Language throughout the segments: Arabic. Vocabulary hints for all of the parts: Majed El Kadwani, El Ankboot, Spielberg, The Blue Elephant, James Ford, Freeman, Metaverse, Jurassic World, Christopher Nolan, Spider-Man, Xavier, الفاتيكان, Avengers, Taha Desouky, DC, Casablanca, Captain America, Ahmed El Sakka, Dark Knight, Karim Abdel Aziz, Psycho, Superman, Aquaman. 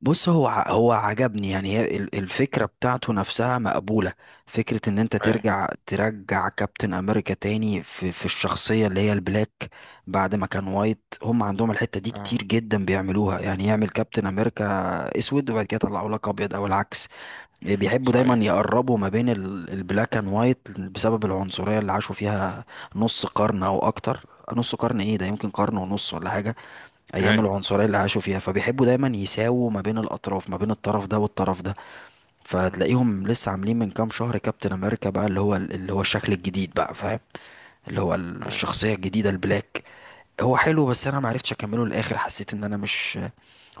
بص، هو هو عجبني. يعني هي الفكرة بتاعته نفسها مقبولة. فكرة ان انت أي. ترجع كابتن امريكا تاني في الشخصية اللي هي البلاك بعد ما كان وايت. هم عندهم الحتة دي كتير أه. جدا بيعملوها، يعني يعمل كابتن امريكا اسود وبعد كده يطلعوا لك ابيض او العكس. بيحبوا دايما صحيح. يقربوا ما بين البلاك اند وايت بسبب العنصرية اللي عاشوا فيها نص قرن او اكتر. نص قرن ايه ده، يمكن قرن ونص ولا حاجة. ايام أي. العنصريه اللي عاشوا فيها، فبيحبوا دايما يساووا ما بين الاطراف، ما بين الطرف ده والطرف ده. مم. فتلاقيهم لسه عاملين من كام شهر كابتن امريكا بقى اللي هو الشكل الجديد بقى، فاهم؟ اللي هو أي. الشخصيه الجديده البلاك. هو حلو بس انا ما عرفتش اكمله للاخر، حسيت ان انا مش.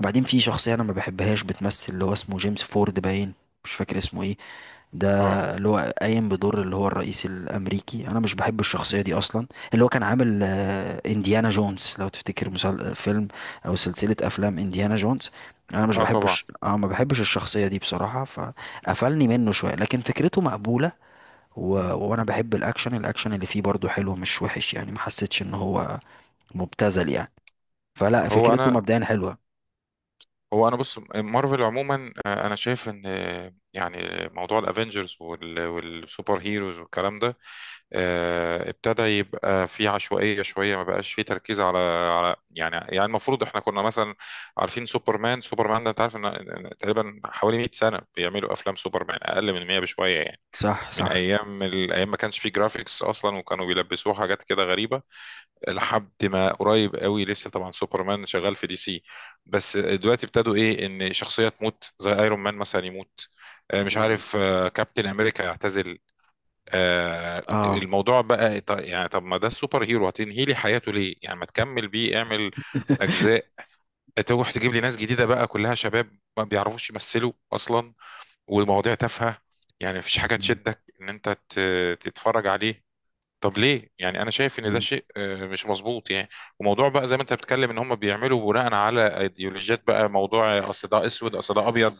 وبعدين في شخصيه انا ما بحبهاش بتمثل اللي هو اسمه جيمس فورد باين، مش فاكر اسمه ايه ده، أه. اللي هو قايم بدور اللي هو الرئيس الامريكي. انا مش بحب الشخصيه دي اصلا. اللي هو كان عامل انديانا جونز لو تفتكر، فيلم او سلسله افلام انديانا جونز. انا مش أه، طبعا. بحبش، ما بحبش الشخصيه دي بصراحه، فقفلني منه شويه، لكن فكرته مقبوله. مم. وانا بحب الاكشن. الاكشن اللي فيه برضو حلو، مش وحش يعني، ما حسيتش ان هو مبتذل يعني. فلا، هو فكرته أنا مبدئيا حلوه. هو أنا بص. مارفل عموما، أنا شايف إن، يعني موضوع الأفينجرز والسوبر هيروز والكلام ده، ابتدى يبقى فيه عشوائية شوية. ما بقاش فيه تركيز على يعني المفروض إحنا كنا مثلا عارفين سوبرمان ده أنت عارف إن تقريبا حوالي 100 سنة بيعملوا أفلام سوبرمان، أقل من 100 بشوية يعني. صح من صح. أيام الأيام ما كانش فيه جرافيكس أصلا، وكانوا بيلبسوه حاجات كده غريبة لحد ما قريب قوي. لسه طبعا سوبرمان شغال في دي سي. بس دلوقتي ابتدوا ايه، ان شخصيه تموت زي ايرون مان مثلا يموت، مش مم. عارف، كابتن امريكا يعتزل. اه. الموضوع بقى يعني طب ما ده السوبر هيرو، هتنهي لي حياته ليه؟ يعني ما تكمل بيه، اعمل اجزاء. تروح تجيب لي ناس جديده بقى كلها شباب، ما بيعرفوش يمثلوا اصلا، والمواضيع تافهه. يعني مفيش حاجه مم. تشدك ان انت تتفرج عليه. طب ليه؟ يعني انا شايف ان ده شيء، مش مظبوط يعني. وموضوع بقى زي ما انت بتتكلم، ان هم بيعملوا بناء على ايديولوجيات. بقى موضوع، اصل ده اسود، اصل ده ابيض.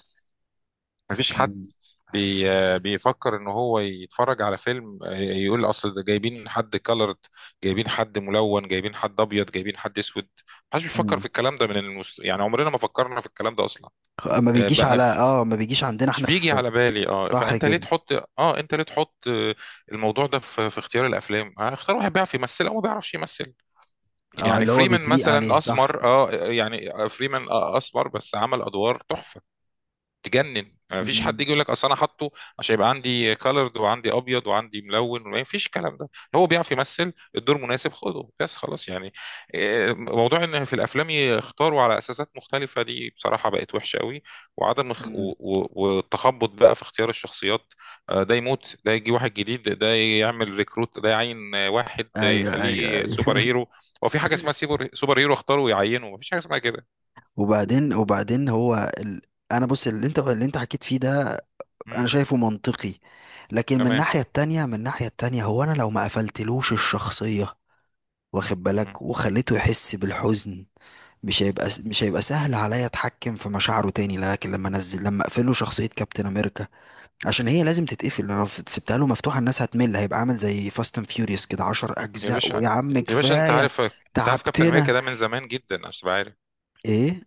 مفيش حد مم. بي آه، بيفكر ان هو يتفرج على فيلم، يقول اصل ده جايبين حد كلرد، جايبين حد ملون، جايبين حد ابيض، جايبين حد اسود. محدش بيفكر في مم. الكلام ده من يعني عمرنا ما فكرنا في الكلام ده اصلا. ما بيجيش بقى على، في، ما بيجيش عندنا مش احنا بيجي في. على بالي. اه صح فانت ليه كده. تحط اه انت ليه تحط، الموضوع ده في اختيار الافلام. اختار واحد بيعرف يمثل او ما بيعرفش يمثل. اه، يعني اللي هو فريمان بيتليق عليه، مثلا صح. اسمر، يعني فريمان اسمر، بس عمل ادوار تحفه تجنن. ما فيش حد مم. يجي يقول لك اصل انا حاطه عشان يبقى عندي كالرد وعندي ابيض وعندي ملون. ما فيش الكلام ده. هو بيعرف يمثل، الدور مناسب، خده بس خلاص يعني. إيه، موضوع ان في الافلام يختاروا على اساسات مختلفه، دي بصراحه بقت وحشه قوي. وعدم اخ- مم. و- و- والتخبط بقى في اختيار الشخصيات. ده يموت، ده يجي واحد جديد، ده يعمل ريكروت، ده يعين، واحد، ايوه ايوه يخليه سوبر ايوه. هيرو. هو في حاجه اسمها سوبر هيرو اختاروا ويعينوا؟ ما فيش حاجه اسمها كده. وبعدين هو ال. انا بص، اللي انت حكيت فيه ده انا مم. شايفه منطقي. لكن من تمام. الناحية التانية، هو انا لو ما قفلتلوش الشخصية، واخد بالك، وخليته يحس بالحزن، مش هيبقى مم. مش هيبقى سهل عليا اتحكم في مشاعره تاني. لكن لما انزل لما اقفله شخصية كابتن امريكا، عشان هي لازم تتقفل. لو سبتها له مفتوحه الناس هتمل، هيبقى عامل زي فاست اند فيوريوس كده 10 يا اجزاء، باشا. ويا عم يا باشا، انت كفايه عارف. كابتن تعبتنا. امريكا ده من زمان جدا عشان تبقى عارف. ايه؟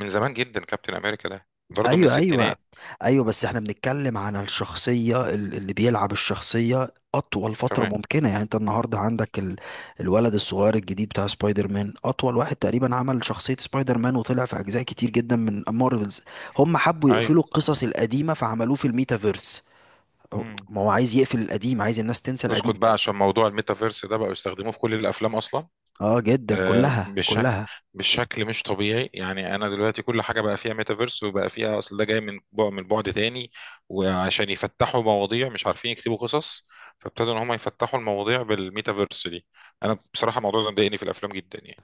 من زمان جدا كابتن امريكا ده برضه من ايوه ايوه الستينات. ايوه. بس احنا بنتكلم على الشخصيه، اللي بيلعب الشخصيه اطول فتره تمام. ممكنه. يعني انت النهارده عندك ال. الولد الصغير الجديد بتاع سبايدر مان اطول واحد تقريبا عمل شخصيه سبايدر مان وطلع في اجزاء كتير جدا من مارفلز. هم حبوا اي. يقفلوا القصص القديمه فعملوه في الميتافيرس. مم. ما هو عايز يقفل القديم، عايز الناس تنسى القديم. اسكت بقى. عشان موضوع الميتافيرس ده بقوا يستخدموه في كل الافلام اصلا. اه جدا، كلها بشكل، كلها. مش طبيعي يعني. انا دلوقتي كل حاجه بقى فيها ميتافيرس، وبقى فيها اصل ده جاي من بعد، تاني. وعشان يفتحوا مواضيع مش عارفين يكتبوا قصص، فابتدوا ان هم يفتحوا المواضيع بالميتافيرس دي. انا بصراحه الموضوع ده مضايقني في الافلام جدا يعني.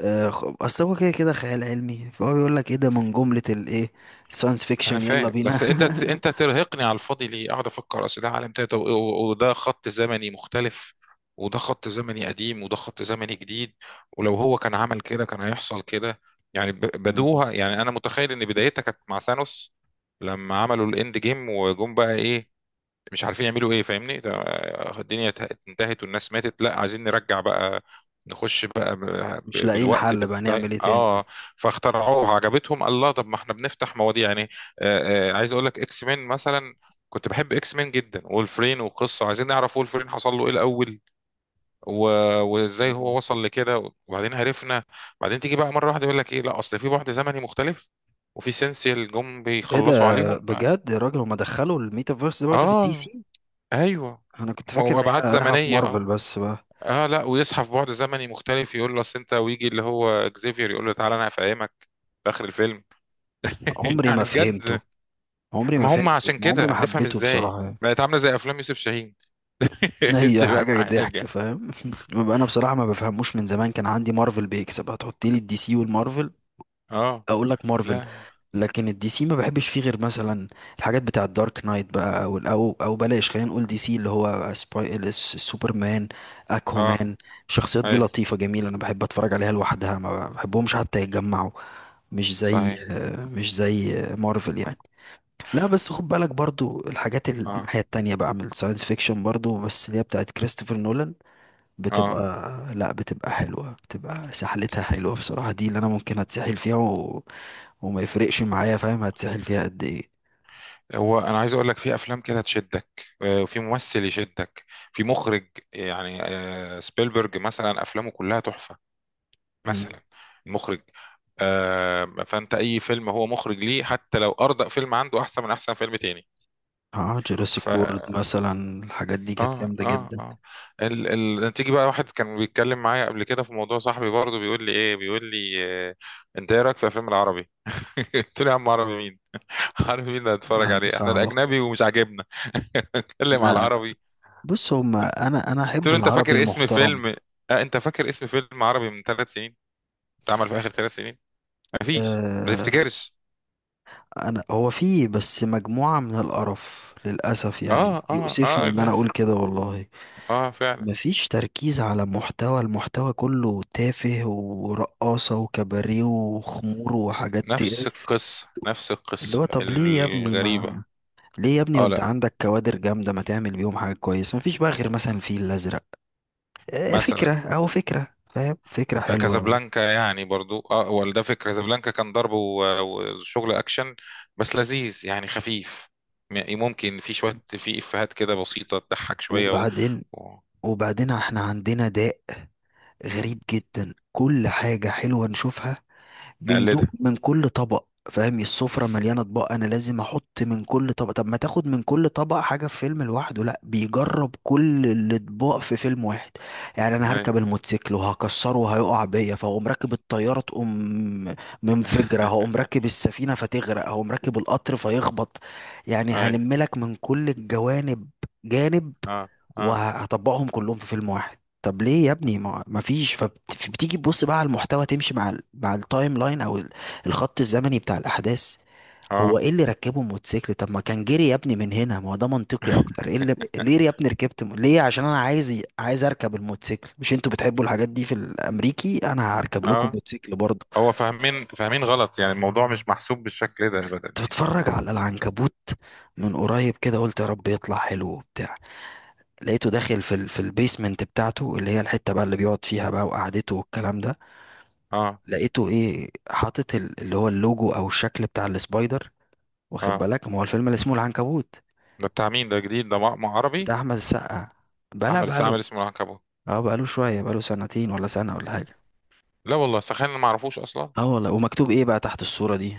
اصل هو كده كده خيال علمي، فهو بيقول لك ايه ده، من جملة الايه الساينس انا فيكشن، يلا فاهم، بينا. بس انت ترهقني على الفاضي ليه؟ اقعد افكر اصل ده عالم تاني، طب- و- وده خط زمني مختلف، وده خط زمني قديم، وده خط زمني جديد. ولو هو كان عمل كده كان هيحصل كده. يعني مم. بدوها يعني، انا متخيل ان بدايتها كانت مع ثانوس. لما عملوا الاند جيم وجم بقى ايه؟ مش عارفين يعملوا ايه فاهمني، الدنيا انتهت والناس ماتت، لا، عايزين نرجع بقى، نخش بقى، مش لاقيين بالوقت، حل بقى بالتايم، نعمل ايه تاني. اه. فاخترعوها، عجبتهم الله. طب ما احنا بنفتح مواضيع يعني. عايز اقول لك اكس مين مثلا. كنت بحب اكس مين جدا، وولفرين وقصه، عايزين نعرف وولفرين حصل له ايه الاول و... وازاي مم. هو وصل لكده، وبعدين عرفنا. بعدين تيجي بقى مره واحده يقول لك ايه، لا، اصل في بعد زمني مختلف، وفي سينسيال جم ايه بيخلصوا ده؟ عليهم. بجد يا راجل، هما دخلوا الميتافيرس ده برضه في الدي اه. سي. ايوه. انا كنت فاكر هو ان ابعاد هي رايحة في زمنيه، اه. مارفل بس بقى. اه لا ويصحى في بعد زمني مختلف، يقول له اصل انت، ويجي اللي هو اكزيفير يقول له تعالى انا هفهمك في اخر الفيلم. عمري يعني ما فهمته، بجد. ما هم عشان كده عمري ما هتفهم حبيته ازاي؟ بصراحة يعني. بقت عامله زي افلام يوسف شاهين. اتش هي فاهم حاجة ضحك، حاجه. فاهم. ببقى انا بصراحة ما بفهموش، من زمان كان عندي مارفل بيكسب. هتحط لي الدي سي والمارفل اه. اقول لك لا. مارفل. لكن الدي سي ما بحبش فيه غير مثلا الحاجات بتاع الدارك نايت بقى، أو بلاش خلينا نقول دي سي اللي هو سوبرمان، اه. اكوامان. الشخصيات دي اي. لطيفة جميلة، انا بحب اتفرج عليها لوحدها، ما بحبهمش حتى يتجمعوا. مش زي، صحيح. مارفل يعني. لا بس خد بالك برضو الحاجات اه. الناحية التانية بقى من الساينس فيكشن برضو، بس اللي هي بتاعت كريستوفر نولان، اه. بتبقى لا بتبقى حلوة، بتبقى سحلتها حلوة بصراحة. دي اللي انا ممكن اتسحل فيها وما يفرقش معايا، فاهم، هتسحل فيها قد ايه. هو انا عايز اقول لك، في افلام كده تشدك، وفي ممثل يشدك، في مخرج يعني، سبيلبرج مثلا افلامه كلها تحفه، مم. مثلا المخرج، فانت اي فيلم هو مخرج ليه حتى لو اردأ فيلم عنده احسن من احسن فيلم تاني. اه، ف جوراسيك وورد مثلا الحاجات دي كانت اه جامدة اه جدا. اه ال... تيجي بقى واحد كان بيتكلم معايا قبل كده في موضوع، صاحبي برضه بيقول لي ايه، آه... انت ايه رايك في الفيلم العربي؟ قلت له يا عم عربي مين؟ عربي مين اللي هتتفرج حاجة عليه؟ احنا صعبة الاجنبي خالص. ومش عاجبنا، اتكلم على لا لا، العربي. بص هما انا قلت احب له انت العربي فاكر اسم المحترم. فيلم، انت فاكر اسم فيلم عربي من 3 سنين، اتعمل في اخر 3 سنين؟ مفيش، ما آه، تفتكرش. انا هو فيه بس مجموعة من القرف للأسف، اه. يعني اه. اه. يؤسفني ان انا لا. اقول كده والله. اه. فعلا. مفيش تركيز على محتوى. المحتوى كله تافه ورقاصة وكباريه وخمور وحاجات نفس تقرف. القصة، نفس اللي هو القصة طب ليه يا ابني الغريبة. ما، اه. انت لا. عندك كوادر جامدة، ما تعمل بيهم حاجة كويسة. مفيش بقى غير مثلا الفيل الأزرق، مثلا فكرة أهو، فكرة، فاهم، فكرة حلوة أهو. كازابلانكا يعني برضو اه، ولا ده فكرة. كازابلانكا كان ضرب و- وشغل اكشن، بس لذيذ يعني، خفيف. ممكن في شوية، في افيهات كده بسيطة تضحك شوية وبعدين و... وبعدين احنا عندنا داء غريب مم. جدا، كل حاجة حلوة نشوفها نقلدها. بندوق من كل طبق. فاهم السفرة مليانة اطباق، انا لازم احط من كل طبق. طب ما تاخد من كل طبق حاجة في فيلم لوحده، لا بيجرب كل الاطباق في فيلم واحد. يعني انا اي. هركب الموتوسيكل وهكسره وهيقع بيا، فهقوم راكب الطيارة تقوم منفجرة، هقوم راكب السفينة فتغرق، هقوم راكب القطر فيخبط. يعني اي. هلم لك من كل الجوانب، جانب، اه. اه. وهطبقهم كلهم في فيلم واحد. طب ليه يا ابني ما، ما فيش. فبتيجي تبص بقى على المحتوى، تمشي مع ال، مع التايم لاين او الخط الزمني بتاع الاحداث. هو اه. ايه اللي ركبه موتوسيكل؟ طب ما كان جري يا ابني من هنا، ما هو ده منطقي اكتر. ايه اللي، ليه يا ابني ركبت، ليه؟ عشان انا عايز، عايز اركب الموتوسيكل. مش انتوا بتحبوا الحاجات دي في الامريكي، انا هركب لكم اه. موتوسيكل برضه. هو فاهمين غلط يعني، الموضوع مش محسوب بالشكل ده ابدا كنت يعني. بتفرج على العنكبوت من قريب كده، قلت يا رب يطلع حلو وبتاع. لقيته داخل في ال، في البيسمنت بتاعته اللي هي الحتة بقى اللي بيقعد فيها بقى وقعدته والكلام ده. اه. لقيته ايه، حاطط اللي هو اللوجو او الشكل بتاع السبايدر، واخد اه. بالك، ما هو الفيلم اللي اسمه العنكبوت ده بتاع مين؟ ده جديد ده، مع بتاع عربي؟ احمد السقا، بلا احمد السقا بقاله. عامل اسمه العنكبوت؟ اه، بقاله شويه، بقاله سنتين ولا سنه ولا حاجه. لا والله، تخيل انا ما اعرفوش اصلا. اه والله. ومكتوب ايه بقى تحت الصوره دي؟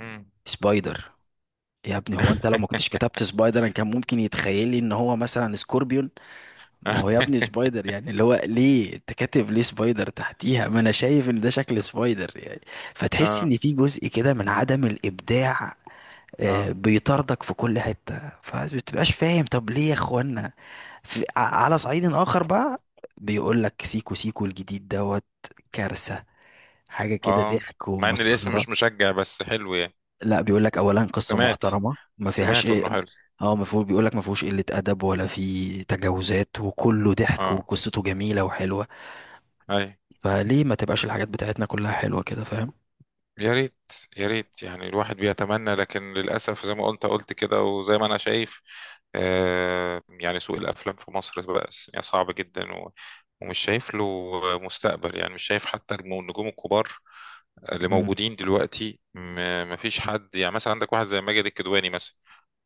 مم. سبايدر. يا ابني هو انت لو ما كنتش كتبت سبايدر انا كان ممكن يتخيل لي ان هو مثلا سكوربيون. ما هو يا ابني سبايدر يعني، اللي هو ليه انت كاتب ليه سبايدر تحتيها، ما انا شايف ان ده شكل سبايدر يعني. فتحس اه. ان في جزء كده من عدم الابداع، اه. بيطاردك في كل حتة، فمبتبقاش فاهم طب ليه يا اخوانا. في، على صعيد آخر بقى، بيقول لك سيكو سيكو الجديد دوت، كارثة، حاجة كده اه. ضحك مع ان الاسم ومسخرة. مش مشجع بس حلو يعني. لا بيقول لك أولا قصة سمعت محترمة ما فيهاش. سمعت انه حلو. اه، ما فيه بيقول لك ما فيهوش قلة أدب ولا فيه تجاوزات، وكله ضحك اه. وقصته جميلة وحلوة. اي. فليه ما تبقاش الحاجات بتاعتنا كلها حلوة كده، فاهم. يا ريت. يا ريت يعني الواحد بيتمنى، لكن للاسف زي ما قلت، كده، وزي ما انا شايف، يعني سوق الافلام في مصر بقى يعني صعب جدا، ومش شايف له مستقبل يعني، مش شايف حتى النجوم الكبار اللي موجودين دلوقتي، ما فيش حد يعني. مثلا عندك واحد زي ماجد الكدواني مثلا،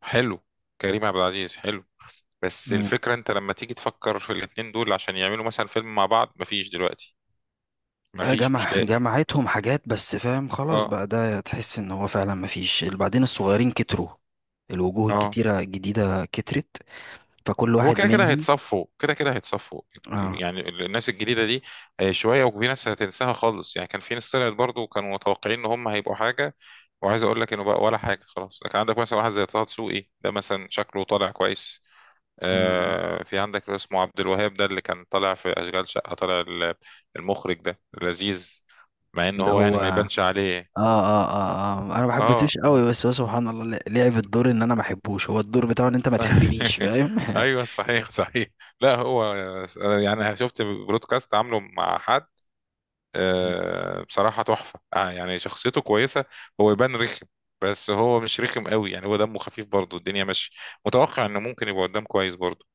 حلو. كريم عبد العزيز، حلو. بس مم. الفكرة انت لما تيجي تفكر في الاتنين دول عشان يعملوا مثلا فيلم مع بعض، مفيش دلوقتي. مفيش، مش جمع لاقي. جمعتهم حاجات بس، فاهم، خلاص اه. بقى ده تحس ان هو فعلا مفيش. اللي بعدين الصغيرين كتروا، الوجوه اه. الكتيرة الجديدة كترت، فكل هو واحد كده كده منهم. هيتصفوا، كده كده هيتصفوا اه. يعني الناس الجديدة دي. شوية وفي ناس هتنساها خالص يعني، كان في ناس طلعت برضه كانوا متوقعين ان هم هيبقوا حاجة، وعايز اقول لك انه بقى ولا حاجة خلاص. لكن عندك مثلا واحد زي طه دسوقي ده مثلا، شكله طالع كويس. مم. في عندك اللي اسمه عبد الوهاب ده، اللي كان طالع في أشغال شقة، طالع المخرج ده لذيذ، مع انه اللي هو يعني هو ما اه. يبانش عليه. اه اه اه، انا ما اه. حبيتوش قوي، اه. بس هو سبحان الله لعب الدور ان انا ما احبوش. هو الدور بتاعه ان انت ما تحبنيش، فاهم. ايوه. صحيح، صحيح. لا، هو يعني شفت برودكاست عامله مع حد، بصراحة تحفة. يعني شخصيته كويسة، هو يبان رخم، بس هو مش رخم قوي يعني، هو دمه خفيف برضه، الدنيا مش متوقع انه ممكن يبقى قدام كويس برضه.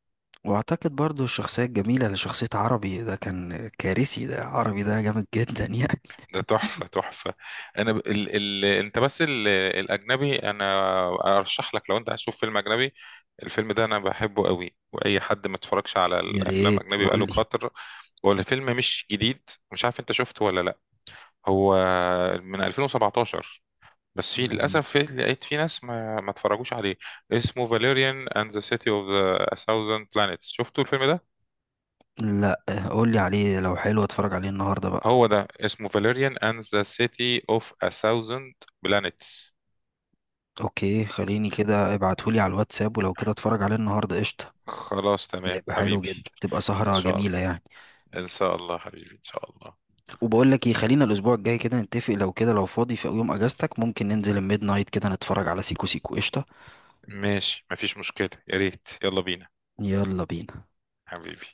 واعتقد برضو الشخصية الجميلة لشخصية عربي، ده كان كارثي، ده عربي ده جامد جدا يعني. ده تحفة، تحفة. انا ب... ال... ال... انت بس الاجنبي. انا ارشح لك لو انت عايز تشوف فيلم اجنبي، الفيلم ده انا بحبه قوي، واي حد ما اتفرجش على يا الافلام ريت اجنبي بقاله قول كتر. هو الفيلم مش جديد، مش عارف انت شفته ولا لا. هو من 2017، بس في لي. للاسف، في لقيت في ناس ما اتفرجوش عليه. اسمه فاليريان اند ذا سيتي اوف ذا 1000 بلانيتس، شفتوا الفيلم ده؟ لا، قولي عليه، لو حلو اتفرج عليه النهارده بقى. هو ده اسمه فاليريان اند ذا سيتي اوف 1000 بلانيتس. اوكي، خليني كده ابعتهولي على الواتساب، ولو كده اتفرج عليه النهارده قشطه. خلاص ده تمام يبقى حلو حبيبي. جدا، تبقى ان سهرة شاء جميلة الله. يعني. ان شاء الله حبيبي، ان شاء الله. وبقول لك ايه، خلينا الاسبوع الجاي كده نتفق لو كده، لو فاضي في يوم اجازتك ممكن ننزل الميد نايت كده نتفرج على سيكو سيكو قشطه. ماشي مفيش مشكلة، يا ريت، يلا بينا يلا بينا. حبيبي.